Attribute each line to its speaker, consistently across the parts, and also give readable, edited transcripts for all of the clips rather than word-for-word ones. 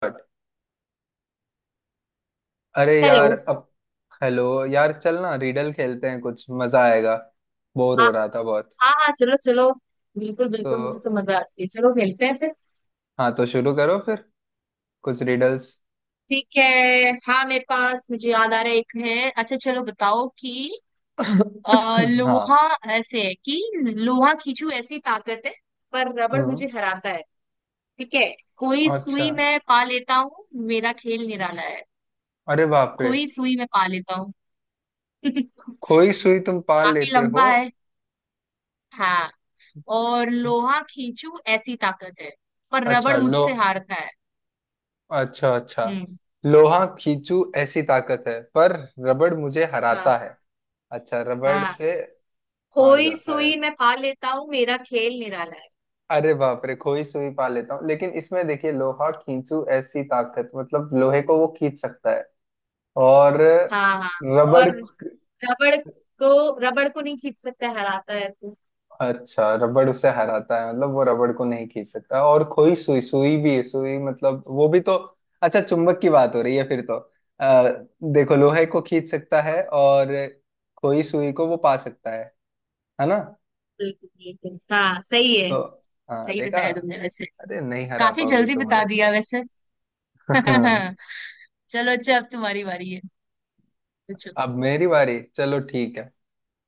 Speaker 1: But। अरे यार
Speaker 2: हेलो।
Speaker 1: अब। हेलो यार, चल ना रीडल खेलते हैं, कुछ मजा आएगा। बोर
Speaker 2: हाँ।
Speaker 1: हो रहा था बहुत।
Speaker 2: हाँ हाँ चलो चलो। बिल्कुल
Speaker 1: तो।
Speaker 2: बिल्कुल मुझे तो मजा आती है। चलो खेलते हैं फिर।
Speaker 1: हाँ, तो शुरू करो फिर कुछ रिडल्स।
Speaker 2: ठीक है। हाँ मेरे पास मुझे याद आ रहा है एक है। अच्छा चलो बताओ कि अ, लोहा।
Speaker 1: हाँ।
Speaker 2: ऐसे है कि लोहा खींचू ऐसी ताकत है। पर रबड़
Speaker 1: हम्म।
Speaker 2: मुझे हराता है। ठीक है। कोई
Speaker 1: अच्छा,
Speaker 2: सुई मैं पा लेता हूँ। मेरा खेल निराला है।
Speaker 1: अरे बाप रे।
Speaker 2: कोई सुई मैं पा लेता हूँ।
Speaker 1: खोई सुई तुम पाल
Speaker 2: काफी
Speaker 1: लेते हो।
Speaker 2: लंबा है। हाँ। और लोहा खींचू ऐसी ताकत है। पर रबड़
Speaker 1: अच्छा। लो,
Speaker 2: मुझसे हारता है।
Speaker 1: अच्छा अच्छा।
Speaker 2: हम्म।
Speaker 1: लोहा खींचू ऐसी ताकत है पर रबड़ मुझे
Speaker 2: हाँ
Speaker 1: हराता है। अच्छा, रबड़
Speaker 2: हाँ।
Speaker 1: से हार
Speaker 2: खोई
Speaker 1: जाता है।
Speaker 2: सुई मैं पा लेता हूँ। मेरा खेल निराला है।
Speaker 1: अरे बाप रे, खोई सुई पा लेता हूँ लेकिन इसमें देखिए लोहा खींचू ऐसी ताकत, मतलब लोहे को वो खींच सकता है। और
Speaker 2: हाँ हाँ।
Speaker 1: रबड़।
Speaker 2: और रबड़ रबड़ को नहीं खींच सकता। हराता है तू।
Speaker 1: अच्छा, रबड़ उसे हराता है, मतलब वो रबड़ को नहीं खींच सकता। और खोई सुई, सुई भी है, सुई मतलब वो भी तो। अच्छा, चुंबक की बात हो रही है फिर तो। आ, देखो लोहे को खींच सकता है और खोई सुई को वो पा सकता है ना।
Speaker 2: बिल्कुल बिल्कुल हाँ सही है।
Speaker 1: तो। हाँ,
Speaker 2: सही
Speaker 1: देखा।
Speaker 2: बताया तुमने वैसे।
Speaker 1: अरे नहीं, हरा
Speaker 2: काफी
Speaker 1: पाओगे
Speaker 2: जल्दी बता
Speaker 1: तुम्हारे
Speaker 2: दिया
Speaker 1: को।
Speaker 2: वैसे। चलो अच्छा। अब तुम्हारी बारी है। पूछो।
Speaker 1: अब मेरी बारी, चलो ठीक है,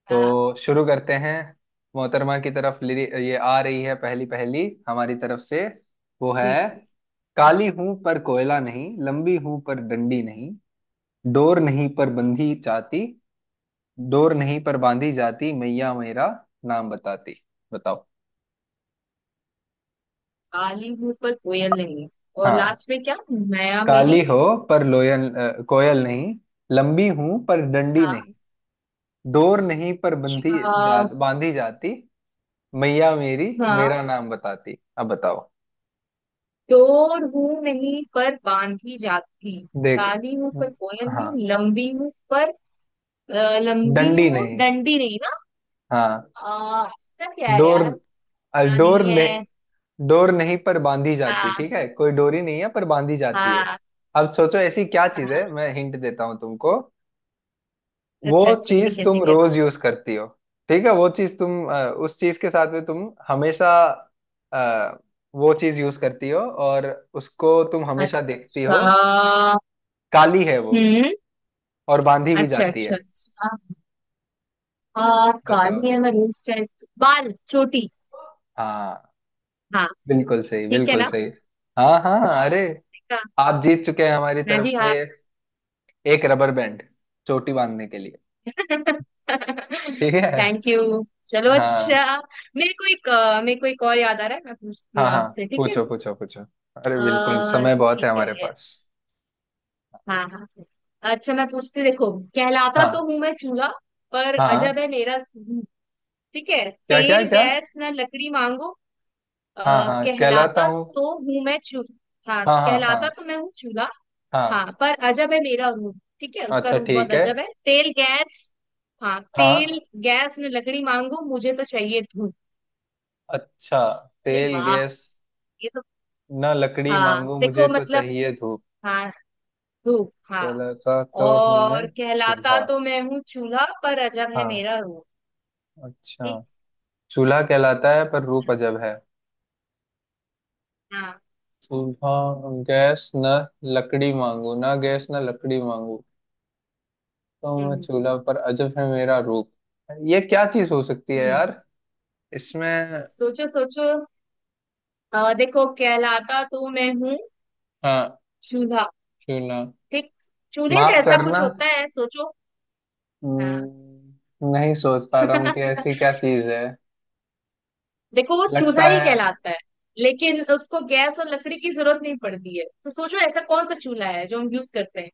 Speaker 2: हाँ।
Speaker 1: तो शुरू करते हैं। मोहतरमा की तरफ लिरि ये आ रही है पहली पहली, हमारी तरफ से। वो
Speaker 2: जी
Speaker 1: है —
Speaker 2: जी।
Speaker 1: काली हूं पर कोयला नहीं, लंबी हूं पर डंडी नहीं, डोर नहीं पर बंधी जाती, डोर नहीं पर बांधी जाती मैया मेरा नाम बताती। बताओ।
Speaker 2: काली हूँ पर कोयल नहीं। और
Speaker 1: हाँ।
Speaker 2: लास्ट में क्या माया
Speaker 1: काली
Speaker 2: मेरी?
Speaker 1: हो पर कोयल नहीं, लंबी हूं पर डंडी
Speaker 2: हाँ।
Speaker 1: नहीं, डोर नहीं पर बंधी जा
Speaker 2: अच्छा,
Speaker 1: बांधी जाती मैया मेरी,
Speaker 2: हाँ।
Speaker 1: मेरा नाम बताती। अब बताओ,
Speaker 2: डोर हूं नहीं पर बांधी जाती।
Speaker 1: देख।
Speaker 2: काली हूं पर कोयल
Speaker 1: हाँ,
Speaker 2: नहीं। लंबी हूं पर लंबी
Speaker 1: डंडी
Speaker 2: हूँ
Speaker 1: नहीं।
Speaker 2: डंडी नहीं ना?
Speaker 1: हाँ,
Speaker 2: इसका क्या है
Speaker 1: डोर,
Speaker 2: यार? ना
Speaker 1: डोर
Speaker 2: नहीं है।
Speaker 1: नहीं, डोर नहीं पर बांधी जाती।
Speaker 2: हाँ
Speaker 1: ठीक है, कोई डोरी नहीं है पर बांधी जाती है।
Speaker 2: हाँ
Speaker 1: अब सोचो ऐसी क्या चीज
Speaker 2: हाँ।
Speaker 1: है, मैं हिंट देता हूँ तुमको।
Speaker 2: अच्छा
Speaker 1: वो
Speaker 2: अच्छा ठीक
Speaker 1: चीज
Speaker 2: है
Speaker 1: तुम
Speaker 2: ठीक है।
Speaker 1: रोज यूज करती हो। ठीक है, वो चीज तुम उस चीज के साथ में तुम हमेशा, अ, वो चीज यूज करती हो और उसको तुम हमेशा देखती हो।
Speaker 2: अच्छा।
Speaker 1: काली है वो
Speaker 2: हम्म।
Speaker 1: और बांधी भी
Speaker 2: अच्छा
Speaker 1: जाती है।
Speaker 2: अच्छा अच्छा। हाँ
Speaker 1: बताओ।
Speaker 2: काली है मैं रेस्ट है। बाल चोटी।
Speaker 1: हाँ,
Speaker 2: हाँ।
Speaker 1: बिल्कुल सही
Speaker 2: ठीक है
Speaker 1: बिल्कुल
Speaker 2: ना?
Speaker 1: सही। हाँ हाँ, अरे,
Speaker 2: ठीक है।
Speaker 1: आप जीत चुके हैं हमारी
Speaker 2: मैं
Speaker 1: तरफ
Speaker 2: भी
Speaker 1: से,
Speaker 2: हाँ।
Speaker 1: एक रबर बैंड चोटी बांधने के लिए। ठीक है।
Speaker 2: Thank you. चलो
Speaker 1: हाँ
Speaker 2: अच्छा। मेरे को एक और याद आ रहा है। मैं पूछती
Speaker 1: हाँ
Speaker 2: हूँ
Speaker 1: हाँ,
Speaker 2: आपसे ठीक है?
Speaker 1: पूछो पूछो पूछो। अरे बिल्कुल, समय बहुत
Speaker 2: ठीक
Speaker 1: है
Speaker 2: है
Speaker 1: हमारे पास।
Speaker 2: हाँ हाँ। अच्छा मैं पूछती हूँ, देखो। कहलाता तो
Speaker 1: हाँ
Speaker 2: हूं मैं चूल्हा। पर अजब
Speaker 1: हाँ।
Speaker 2: है मेरा रूप। ठीक है
Speaker 1: क्या क्या
Speaker 2: तेल
Speaker 1: क्या।
Speaker 2: गैस ना लकड़ी मांगो। अ,
Speaker 1: हाँ हाँ, कहलाता
Speaker 2: कहलाता
Speaker 1: हूँ।
Speaker 2: तो हूं मैं चूल्हा। हाँ
Speaker 1: हाँ हाँ
Speaker 2: कहलाता
Speaker 1: हाँ।
Speaker 2: तो मैं हूँ चूल्हा।
Speaker 1: हाँ।
Speaker 2: हाँ पर अजब है मेरा रूप। ठीक है उसका
Speaker 1: अच्छा
Speaker 2: रूप बहुत
Speaker 1: ठीक है।
Speaker 2: अजब है। तेल गैस। हाँ तेल
Speaker 1: हाँ।
Speaker 2: गैस में लकड़ी मांगू मुझे तो चाहिए धूप।
Speaker 1: अच्छा,
Speaker 2: अरे
Speaker 1: तेल
Speaker 2: वाह।
Speaker 1: गैस
Speaker 2: ये तो।
Speaker 1: ना लकड़ी
Speaker 2: हाँ
Speaker 1: मांगू मुझे
Speaker 2: देखो
Speaker 1: तो
Speaker 2: मतलब।
Speaker 1: चाहिए धूप,
Speaker 2: हाँ धूप हाँ।
Speaker 1: कहलाता तो हूँ मैं
Speaker 2: और कहलाता
Speaker 1: चूल्हा।
Speaker 2: तो मैं हूँ चूल्हा। पर अजब है
Speaker 1: हाँ।
Speaker 2: मेरा रूप।
Speaker 1: अच्छा,
Speaker 2: ठीक?
Speaker 1: चूल्हा कहलाता है पर रूप
Speaker 2: है?
Speaker 1: अजब है।
Speaker 2: हाँ।
Speaker 1: चूल्हा गैस न लकड़ी मांगू, ना गैस न लकड़ी मांगू तो मैं
Speaker 2: हम्म।
Speaker 1: चूल्हा पर अजब है मेरा रूप। ये क्या चीज हो सकती है
Speaker 2: हम्म।
Speaker 1: यार इसमें।
Speaker 2: सोचो सोचो। देखो कहलाता तो मैं हूँ
Speaker 1: हाँ।
Speaker 2: चूल्हा।
Speaker 1: चूल्हा।
Speaker 2: ठीक। चूल्हे
Speaker 1: माफ
Speaker 2: जैसा
Speaker 1: करना,
Speaker 2: कुछ होता है सोचो। हाँ।
Speaker 1: नहीं सोच पा रहा हूँ कि ऐसी क्या चीज है।
Speaker 2: देखो वो चूल्हा
Speaker 1: लगता
Speaker 2: ही
Speaker 1: है।
Speaker 2: कहलाता है। लेकिन उसको गैस और लकड़ी की जरूरत नहीं पड़ती है। तो सोचो ऐसा कौन सा चूल्हा है जो हम यूज करते हैं।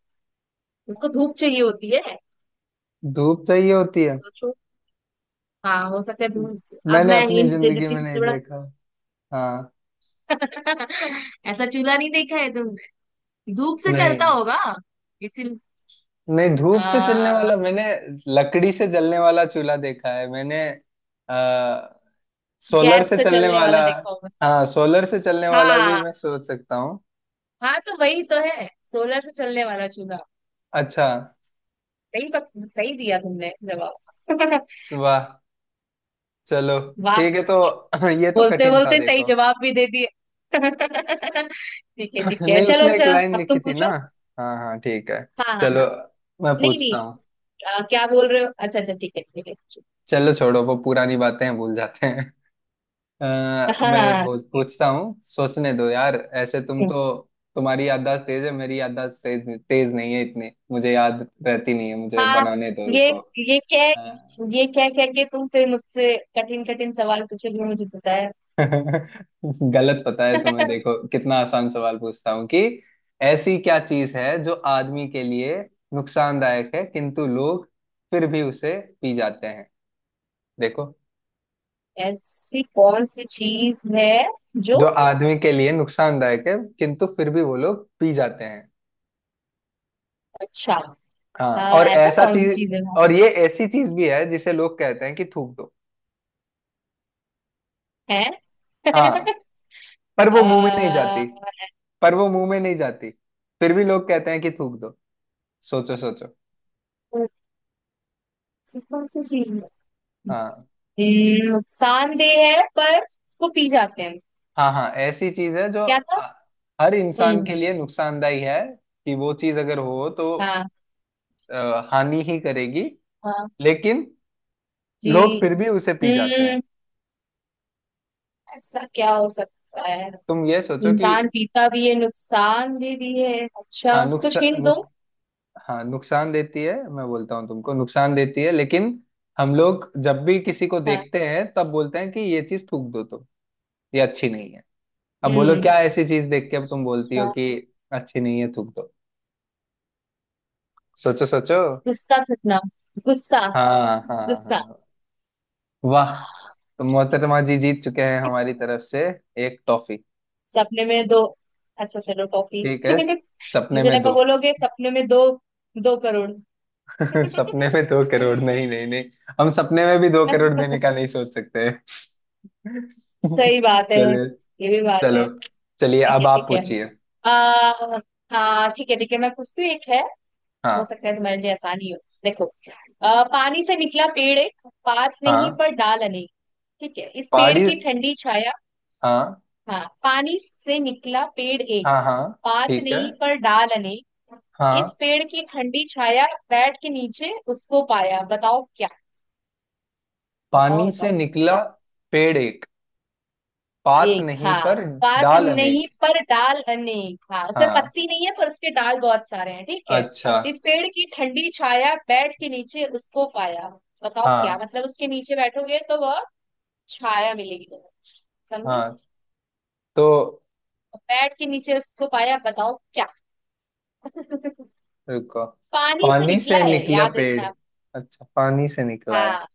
Speaker 2: उसको धूप चाहिए होती है।
Speaker 1: धूप चाहिए होती है।
Speaker 2: सोचो। हाँ हो सकता है अब
Speaker 1: मैंने
Speaker 2: मैं
Speaker 1: अपनी
Speaker 2: हिंट दे
Speaker 1: जिंदगी
Speaker 2: देती हूँ
Speaker 1: में नहीं
Speaker 2: सबसे बड़ा।
Speaker 1: देखा। हाँ।
Speaker 2: ऐसा चूल्हा नहीं देखा है तुमने। धूप से चलता
Speaker 1: नहीं,
Speaker 2: होगा इसी।
Speaker 1: नहीं धूप से चलने
Speaker 2: आ,
Speaker 1: वाला मैंने लकड़ी से जलने वाला चूल्हा देखा है मैंने। आ, सोलर
Speaker 2: गैस
Speaker 1: से
Speaker 2: से
Speaker 1: चलने
Speaker 2: चलने
Speaker 1: वाला।
Speaker 2: वाला देखा होगा।
Speaker 1: हाँ, सोलर से चलने वाला भी
Speaker 2: हाँ
Speaker 1: मैं सोच सकता हूँ।
Speaker 2: हाँ तो वही तो है। सोलर से चलने वाला चूल्हा।
Speaker 1: अच्छा।
Speaker 2: सही पक, सही दिया तुमने जवाब।
Speaker 1: वाह, चलो
Speaker 2: वाह।
Speaker 1: ठीक है। तो ये तो
Speaker 2: बोलते
Speaker 1: कठिन था
Speaker 2: बोलते सही
Speaker 1: देखो।
Speaker 2: जवाब भी दे दिए। ठीक है
Speaker 1: नहीं,
Speaker 2: चलो
Speaker 1: उसमें एक
Speaker 2: अच्छा।
Speaker 1: लाइन
Speaker 2: अब तुम
Speaker 1: लिखी थी ना।
Speaker 2: पूछो।
Speaker 1: हाँ हाँ ठीक है।
Speaker 2: हाँ हाँ
Speaker 1: चलो,
Speaker 2: हाँ।
Speaker 1: मैं
Speaker 2: नहीं नहीं।
Speaker 1: पूछता हूँ।
Speaker 2: क्या बोल रहे हो? अच्छा अच्छा ठीक है पूछो।
Speaker 1: चलो छोड़ो, वो पुरानी बातें हैं, भूल जाते हैं। अ,
Speaker 2: हाँ
Speaker 1: मैं
Speaker 2: हाँ।
Speaker 1: पूछता हूँ, सोचने दो यार ऐसे, तुम
Speaker 2: हम्म।
Speaker 1: तो, तुम्हारी याददाश्त तेज है, मेरी याददाश्त तेज नहीं है इतनी, मुझे याद रहती नहीं है,
Speaker 2: हाँ,
Speaker 1: मुझे
Speaker 2: हाँ। हाँ,
Speaker 1: बनाने दो,
Speaker 2: ये
Speaker 1: रुको।
Speaker 2: ये क्या
Speaker 1: अ,
Speaker 2: ये क्या क्या के तुम फिर मुझसे कठिन कठिन सवाल पूछोगे? मुझे पता है।
Speaker 1: गलत पता है तुम्हें, देखो कितना आसान सवाल पूछता हूँ कि — ऐसी क्या चीज है जो आदमी के लिए नुकसानदायक है किंतु लोग फिर भी उसे पी जाते हैं। देखो,
Speaker 2: ऐसी कौन सी चीज है जो?
Speaker 1: जो आदमी के लिए नुकसानदायक है किंतु फिर भी वो लोग पी जाते हैं।
Speaker 2: अच्छा।
Speaker 1: हाँ, और
Speaker 2: ऐसा
Speaker 1: ऐसा
Speaker 2: कौन सी
Speaker 1: चीज।
Speaker 2: चीज है वहाँ?
Speaker 1: और ये ऐसी चीज भी है जिसे लोग कहते हैं कि थूक दो।
Speaker 2: है।
Speaker 1: हाँ। पर वो
Speaker 2: आ,
Speaker 1: मुंह में नहीं जाती। पर वो मुंह में नहीं जाती, फिर भी लोग कहते हैं कि थूक दो। सोचो सोचो।
Speaker 2: ऐसी कौन सी चीज है।
Speaker 1: हाँ
Speaker 2: नुकसानदेह है पर इसको पी जाते हैं।
Speaker 1: हाँ हाँ, ऐसी चीज है जो
Speaker 2: क्या था?
Speaker 1: आ, हर इंसान के
Speaker 2: हम्म।
Speaker 1: लिए नुकसानदायी है, कि वो चीज अगर हो तो
Speaker 2: हाँ।
Speaker 1: हानि ही करेगी।
Speaker 2: हाँ।
Speaker 1: लेकिन
Speaker 2: जी।
Speaker 1: लोग फिर भी उसे पी जाते हैं।
Speaker 2: हम्म। ऐसा क्या हो सकता है?
Speaker 1: तुम ये सोचो कि —
Speaker 2: इंसान पीता भी है नुकसान दे भी है।
Speaker 1: हाँ,
Speaker 2: अच्छा कुछ हिंट दो।
Speaker 1: नुकसान। हाँ नुकसान देती है, मैं बोलता हूँ तुमको नुकसान देती है लेकिन हम लोग जब भी किसी को
Speaker 2: हाँ।
Speaker 1: देखते हैं तब बोलते हैं कि ये चीज थूक दो तुम, ये अच्छी नहीं है। अब बोलो,
Speaker 2: हम्म।
Speaker 1: क्या ऐसी चीज देख के अब तुम बोलती हो
Speaker 2: गुस्सा।
Speaker 1: कि अच्छी नहीं है थूक दो। सोचो सोचो।
Speaker 2: गुस्सा थकना। गुस्सा।
Speaker 1: हाँ हाँ
Speaker 2: गुस्सा।
Speaker 1: हाँ, वाह।
Speaker 2: हाँ,
Speaker 1: तो मोहतरमा जी जीत चुके हैं हमारी तरफ से एक टॉफी।
Speaker 2: सपने में दो। अच्छा चलो टॉफी।
Speaker 1: ठीक है। सपने
Speaker 2: मुझे
Speaker 1: में
Speaker 2: लगा
Speaker 1: दो।
Speaker 2: बोलोगे सपने में दो 2 करोड़।
Speaker 1: सपने में 2 करोड़? नहीं नहीं नहीं, हम सपने में भी 2 करोड़ देने का नहीं सोच सकते।
Speaker 2: सही बात है।
Speaker 1: चलिए।
Speaker 2: ये भी बात
Speaker 1: चलो,
Speaker 2: है।
Speaker 1: चलिए
Speaker 2: ठीक
Speaker 1: अब
Speaker 2: है
Speaker 1: आप
Speaker 2: ठीक है।
Speaker 1: पूछिए।
Speaker 2: आ, हाँ ठीक है मैं पूछती हूँ एक है। हो
Speaker 1: हाँ
Speaker 2: सकता है तुम्हारे लिए आसानी हो। देखो। पानी से निकला पेड़ एक। पात नहीं
Speaker 1: हाँ।
Speaker 2: पर डाल अनेक। ठीक है। इस पेड़
Speaker 1: पहाड़ी।
Speaker 2: की ठंडी छाया।
Speaker 1: हाँ
Speaker 2: हाँ पानी से निकला पेड़ एक।
Speaker 1: हाँ हाँ,
Speaker 2: पात
Speaker 1: ठीक है।
Speaker 2: नहीं पर डाल अनेक। इस
Speaker 1: हाँ,
Speaker 2: पेड़ की ठंडी छाया। बैठ के नीचे उसको पाया बताओ क्या। बताओ
Speaker 1: पानी से
Speaker 2: बताओ।
Speaker 1: निकला पेड़ एक, पात
Speaker 2: एक
Speaker 1: नहीं
Speaker 2: हाँ।
Speaker 1: पर
Speaker 2: पात
Speaker 1: डाल
Speaker 2: नहीं
Speaker 1: अनेक।
Speaker 2: पर डाल अनेक। हाँ उसमें
Speaker 1: हाँ।
Speaker 2: पत्ती नहीं है पर उसके डाल बहुत सारे हैं ठीक है।
Speaker 1: अच्छा।
Speaker 2: इस पेड़ की ठंडी छाया। बैठ के नीचे उसको पाया बताओ क्या
Speaker 1: हाँ
Speaker 2: मतलब? उसके नीचे बैठोगे तो वह छाया मिलेगी तुम्हें। समझे?
Speaker 1: हाँ, तो
Speaker 2: बैठ के नीचे उसको पाया बताओ क्या।
Speaker 1: रुको।
Speaker 2: पानी से
Speaker 1: पानी
Speaker 2: निकला
Speaker 1: से
Speaker 2: है
Speaker 1: निकला
Speaker 2: याद
Speaker 1: पेड़,
Speaker 2: रखना।
Speaker 1: अच्छा पानी से निकला है।
Speaker 2: हाँ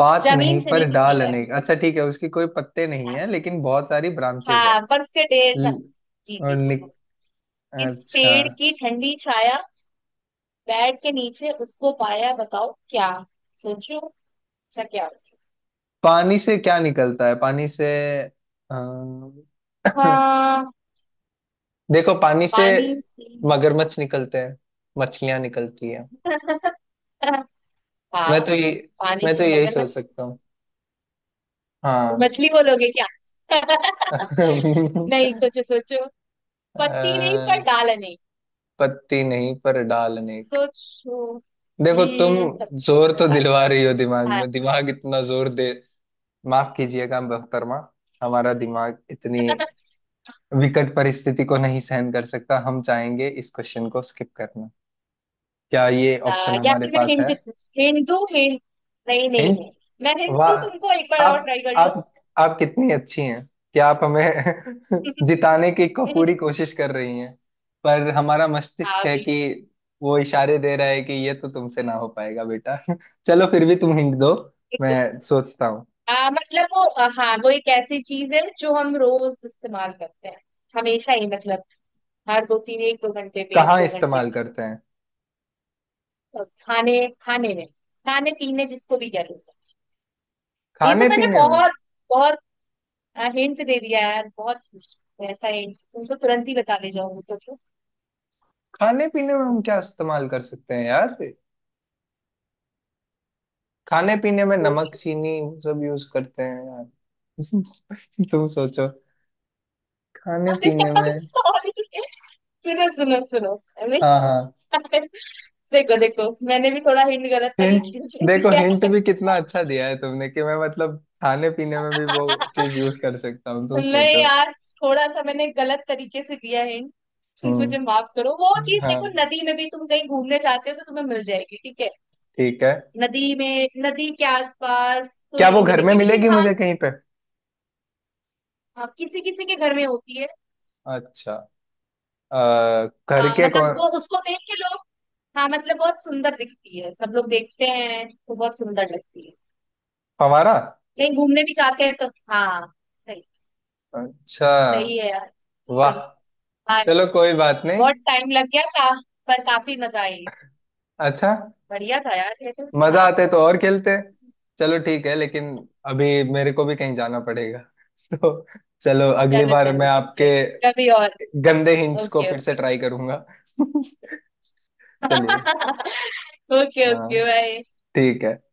Speaker 1: पात
Speaker 2: जमीन
Speaker 1: नहीं
Speaker 2: से
Speaker 1: पर
Speaker 2: नहीं
Speaker 1: डाल
Speaker 2: निकला है।
Speaker 1: अनेक, अच्छा ठीक है, उसकी कोई पत्ते नहीं
Speaker 2: हाँ
Speaker 1: है लेकिन बहुत सारी ब्रांचेस है।
Speaker 2: हाँ, पर उसके ढेर सा।
Speaker 1: ल-
Speaker 2: जी
Speaker 1: और
Speaker 2: जी।
Speaker 1: निक
Speaker 2: इस
Speaker 1: अच्छा,
Speaker 2: पेड़ की ठंडी छाया। बेड के नीचे उसको पाया बताओ क्या। सोचो। ऐसा क्या हो सकता
Speaker 1: पानी से क्या निकलता है, पानी से? अम,
Speaker 2: है? हाँ
Speaker 1: देखो, पानी से
Speaker 2: पानी से।
Speaker 1: मगरमच्छ निकलते हैं, मछलियां निकलती हैं।
Speaker 2: हाँ
Speaker 1: मैं तो ये
Speaker 2: पानी
Speaker 1: मैं तो
Speaker 2: से
Speaker 1: यही सोच
Speaker 2: मगरमच्छ।
Speaker 1: सकता हूँ।
Speaker 2: तो
Speaker 1: हाँ।
Speaker 2: मछली बोलोगे क्या?
Speaker 1: अ,
Speaker 2: नहीं सोचो सोचो। पत्ती नहीं पर डाल नहीं।
Speaker 1: पत्ती नहीं पर डाल अनेक।
Speaker 2: सोचो।
Speaker 1: देखो तुम
Speaker 2: पत्ती नहीं
Speaker 1: जोर
Speaker 2: पर
Speaker 1: तो
Speaker 2: डाल।
Speaker 1: दिलवा रही हो दिमाग
Speaker 2: हाँ।
Speaker 1: में, दिमाग इतना जोर दे। माफ कीजिएगा मोहतरमा, हमारा दिमाग इतनी विकट परिस्थिति को नहीं सहन कर सकता, हम चाहेंगे इस क्वेश्चन को स्किप करना। क्या ये ऑप्शन
Speaker 2: या
Speaker 1: हमारे
Speaker 2: फिर मैं
Speaker 1: पास है?
Speaker 2: हिंदू। हिंदू हिंद नहीं नहीं
Speaker 1: हिंट।
Speaker 2: नहीं। मैं हिंदू
Speaker 1: वाह,
Speaker 2: तुमको एक बार और
Speaker 1: आप
Speaker 2: ट्राई कर लो।
Speaker 1: आप आप कितनी अच्छी हैं, क्या आप हमें जिताने की को पूरी कोशिश कर रही हैं? पर हमारा मस्तिष्क है
Speaker 2: हाँ
Speaker 1: कि वो इशारे दे रहा है कि ये तो तुमसे ना हो पाएगा बेटा। चलो फिर भी तुम हिंट दो,
Speaker 2: बिल्कुल।
Speaker 1: मैं सोचता हूँ।
Speaker 2: मतलब वो हाँ वो एक ऐसी चीज है जो हम रोज इस्तेमाल करते हैं। हमेशा ही मतलब। हर दो तीन एक दो घंटे पे एक
Speaker 1: कहाँ
Speaker 2: दो घंटे
Speaker 1: इस्तेमाल
Speaker 2: पे।
Speaker 1: करते हैं?
Speaker 2: और खाने। खाने में खाने पीने जिसको भी कह लो। ये तो
Speaker 1: खाने
Speaker 2: मैंने
Speaker 1: पीने में।
Speaker 2: बहुत बहुत हिंट दे दिया यार बहुत। ऐसा हिंट तुम तो तुरंत ही बता ले जाओगे। सोचो
Speaker 1: खाने पीने में हम क्या इस्तेमाल कर सकते हैं यार? खाने पीने में नमक
Speaker 2: सोचो।
Speaker 1: चीनी सब यूज करते हैं यार। तुम सोचो। खाने
Speaker 2: अरे
Speaker 1: पीने
Speaker 2: यार।
Speaker 1: में।
Speaker 2: सॉरी। सुनो सुनो सुनो। अरे,
Speaker 1: हाँ हाँ,
Speaker 2: देखो देखो मैंने भी थोड़ा हिंट गलत
Speaker 1: हिंट।
Speaker 2: तरीके से
Speaker 1: देखो
Speaker 2: दिया।
Speaker 1: हिंट भी कितना अच्छा दिया है तुमने, कि मैं मतलब खाने पीने में भी वो चीज यूज कर सकता हूँ, तुम
Speaker 2: नहीं
Speaker 1: सोचो।
Speaker 2: यार। थोड़ा सा मैंने गलत तरीके से दिया हिंट। मुझे
Speaker 1: हम्म।
Speaker 2: माफ करो। वो चीज
Speaker 1: हाँ
Speaker 2: देखो नदी में भी तुम कहीं घूमने जाते हो तो तुम्हें मिल जाएगी ठीक है।
Speaker 1: ठीक है।
Speaker 2: नदी में नदी के आसपास तो
Speaker 1: क्या वो
Speaker 2: नहीं
Speaker 1: घर में
Speaker 2: मिलेगी लेकिन
Speaker 1: मिलेगी
Speaker 2: हाँ।
Speaker 1: मुझे कहीं पे?
Speaker 2: किसी किसी के घर में होती है।
Speaker 1: अच्छा, घर
Speaker 2: हाँ
Speaker 1: के
Speaker 2: मतलब
Speaker 1: कौन?
Speaker 2: वो उसको देख के लोग। हाँ मतलब बहुत सुंदर दिखती है। सब लोग देखते हैं तो बहुत सुंदर लगती है।
Speaker 1: हमारा।
Speaker 2: कहीं घूमने भी जाते हैं तो। हाँ। सही।
Speaker 1: अच्छा,
Speaker 2: सही है यार बिल्कुल
Speaker 1: वाह।
Speaker 2: सही। हाँ।
Speaker 1: चलो कोई बात नहीं।
Speaker 2: बहुत टाइम लग गया था। पर काफी मजा आई।
Speaker 1: अच्छा।
Speaker 2: बढ़िया था यार ये तो।
Speaker 1: मजा
Speaker 2: हाँ।
Speaker 1: आते तो और खेलते। चलो ठीक है लेकिन अभी मेरे को भी कहीं जाना पड़ेगा। तो चलो, अगली
Speaker 2: चलो
Speaker 1: बार मैं
Speaker 2: चलो ठीक
Speaker 1: आपके
Speaker 2: है। कभी और।
Speaker 1: गंदे हिंट्स को
Speaker 2: ओके
Speaker 1: फिर से
Speaker 2: ओके।
Speaker 1: ट्राई करूंगा। चलिए।
Speaker 2: ओके ओके
Speaker 1: हाँ
Speaker 2: बाय।
Speaker 1: ठीक है।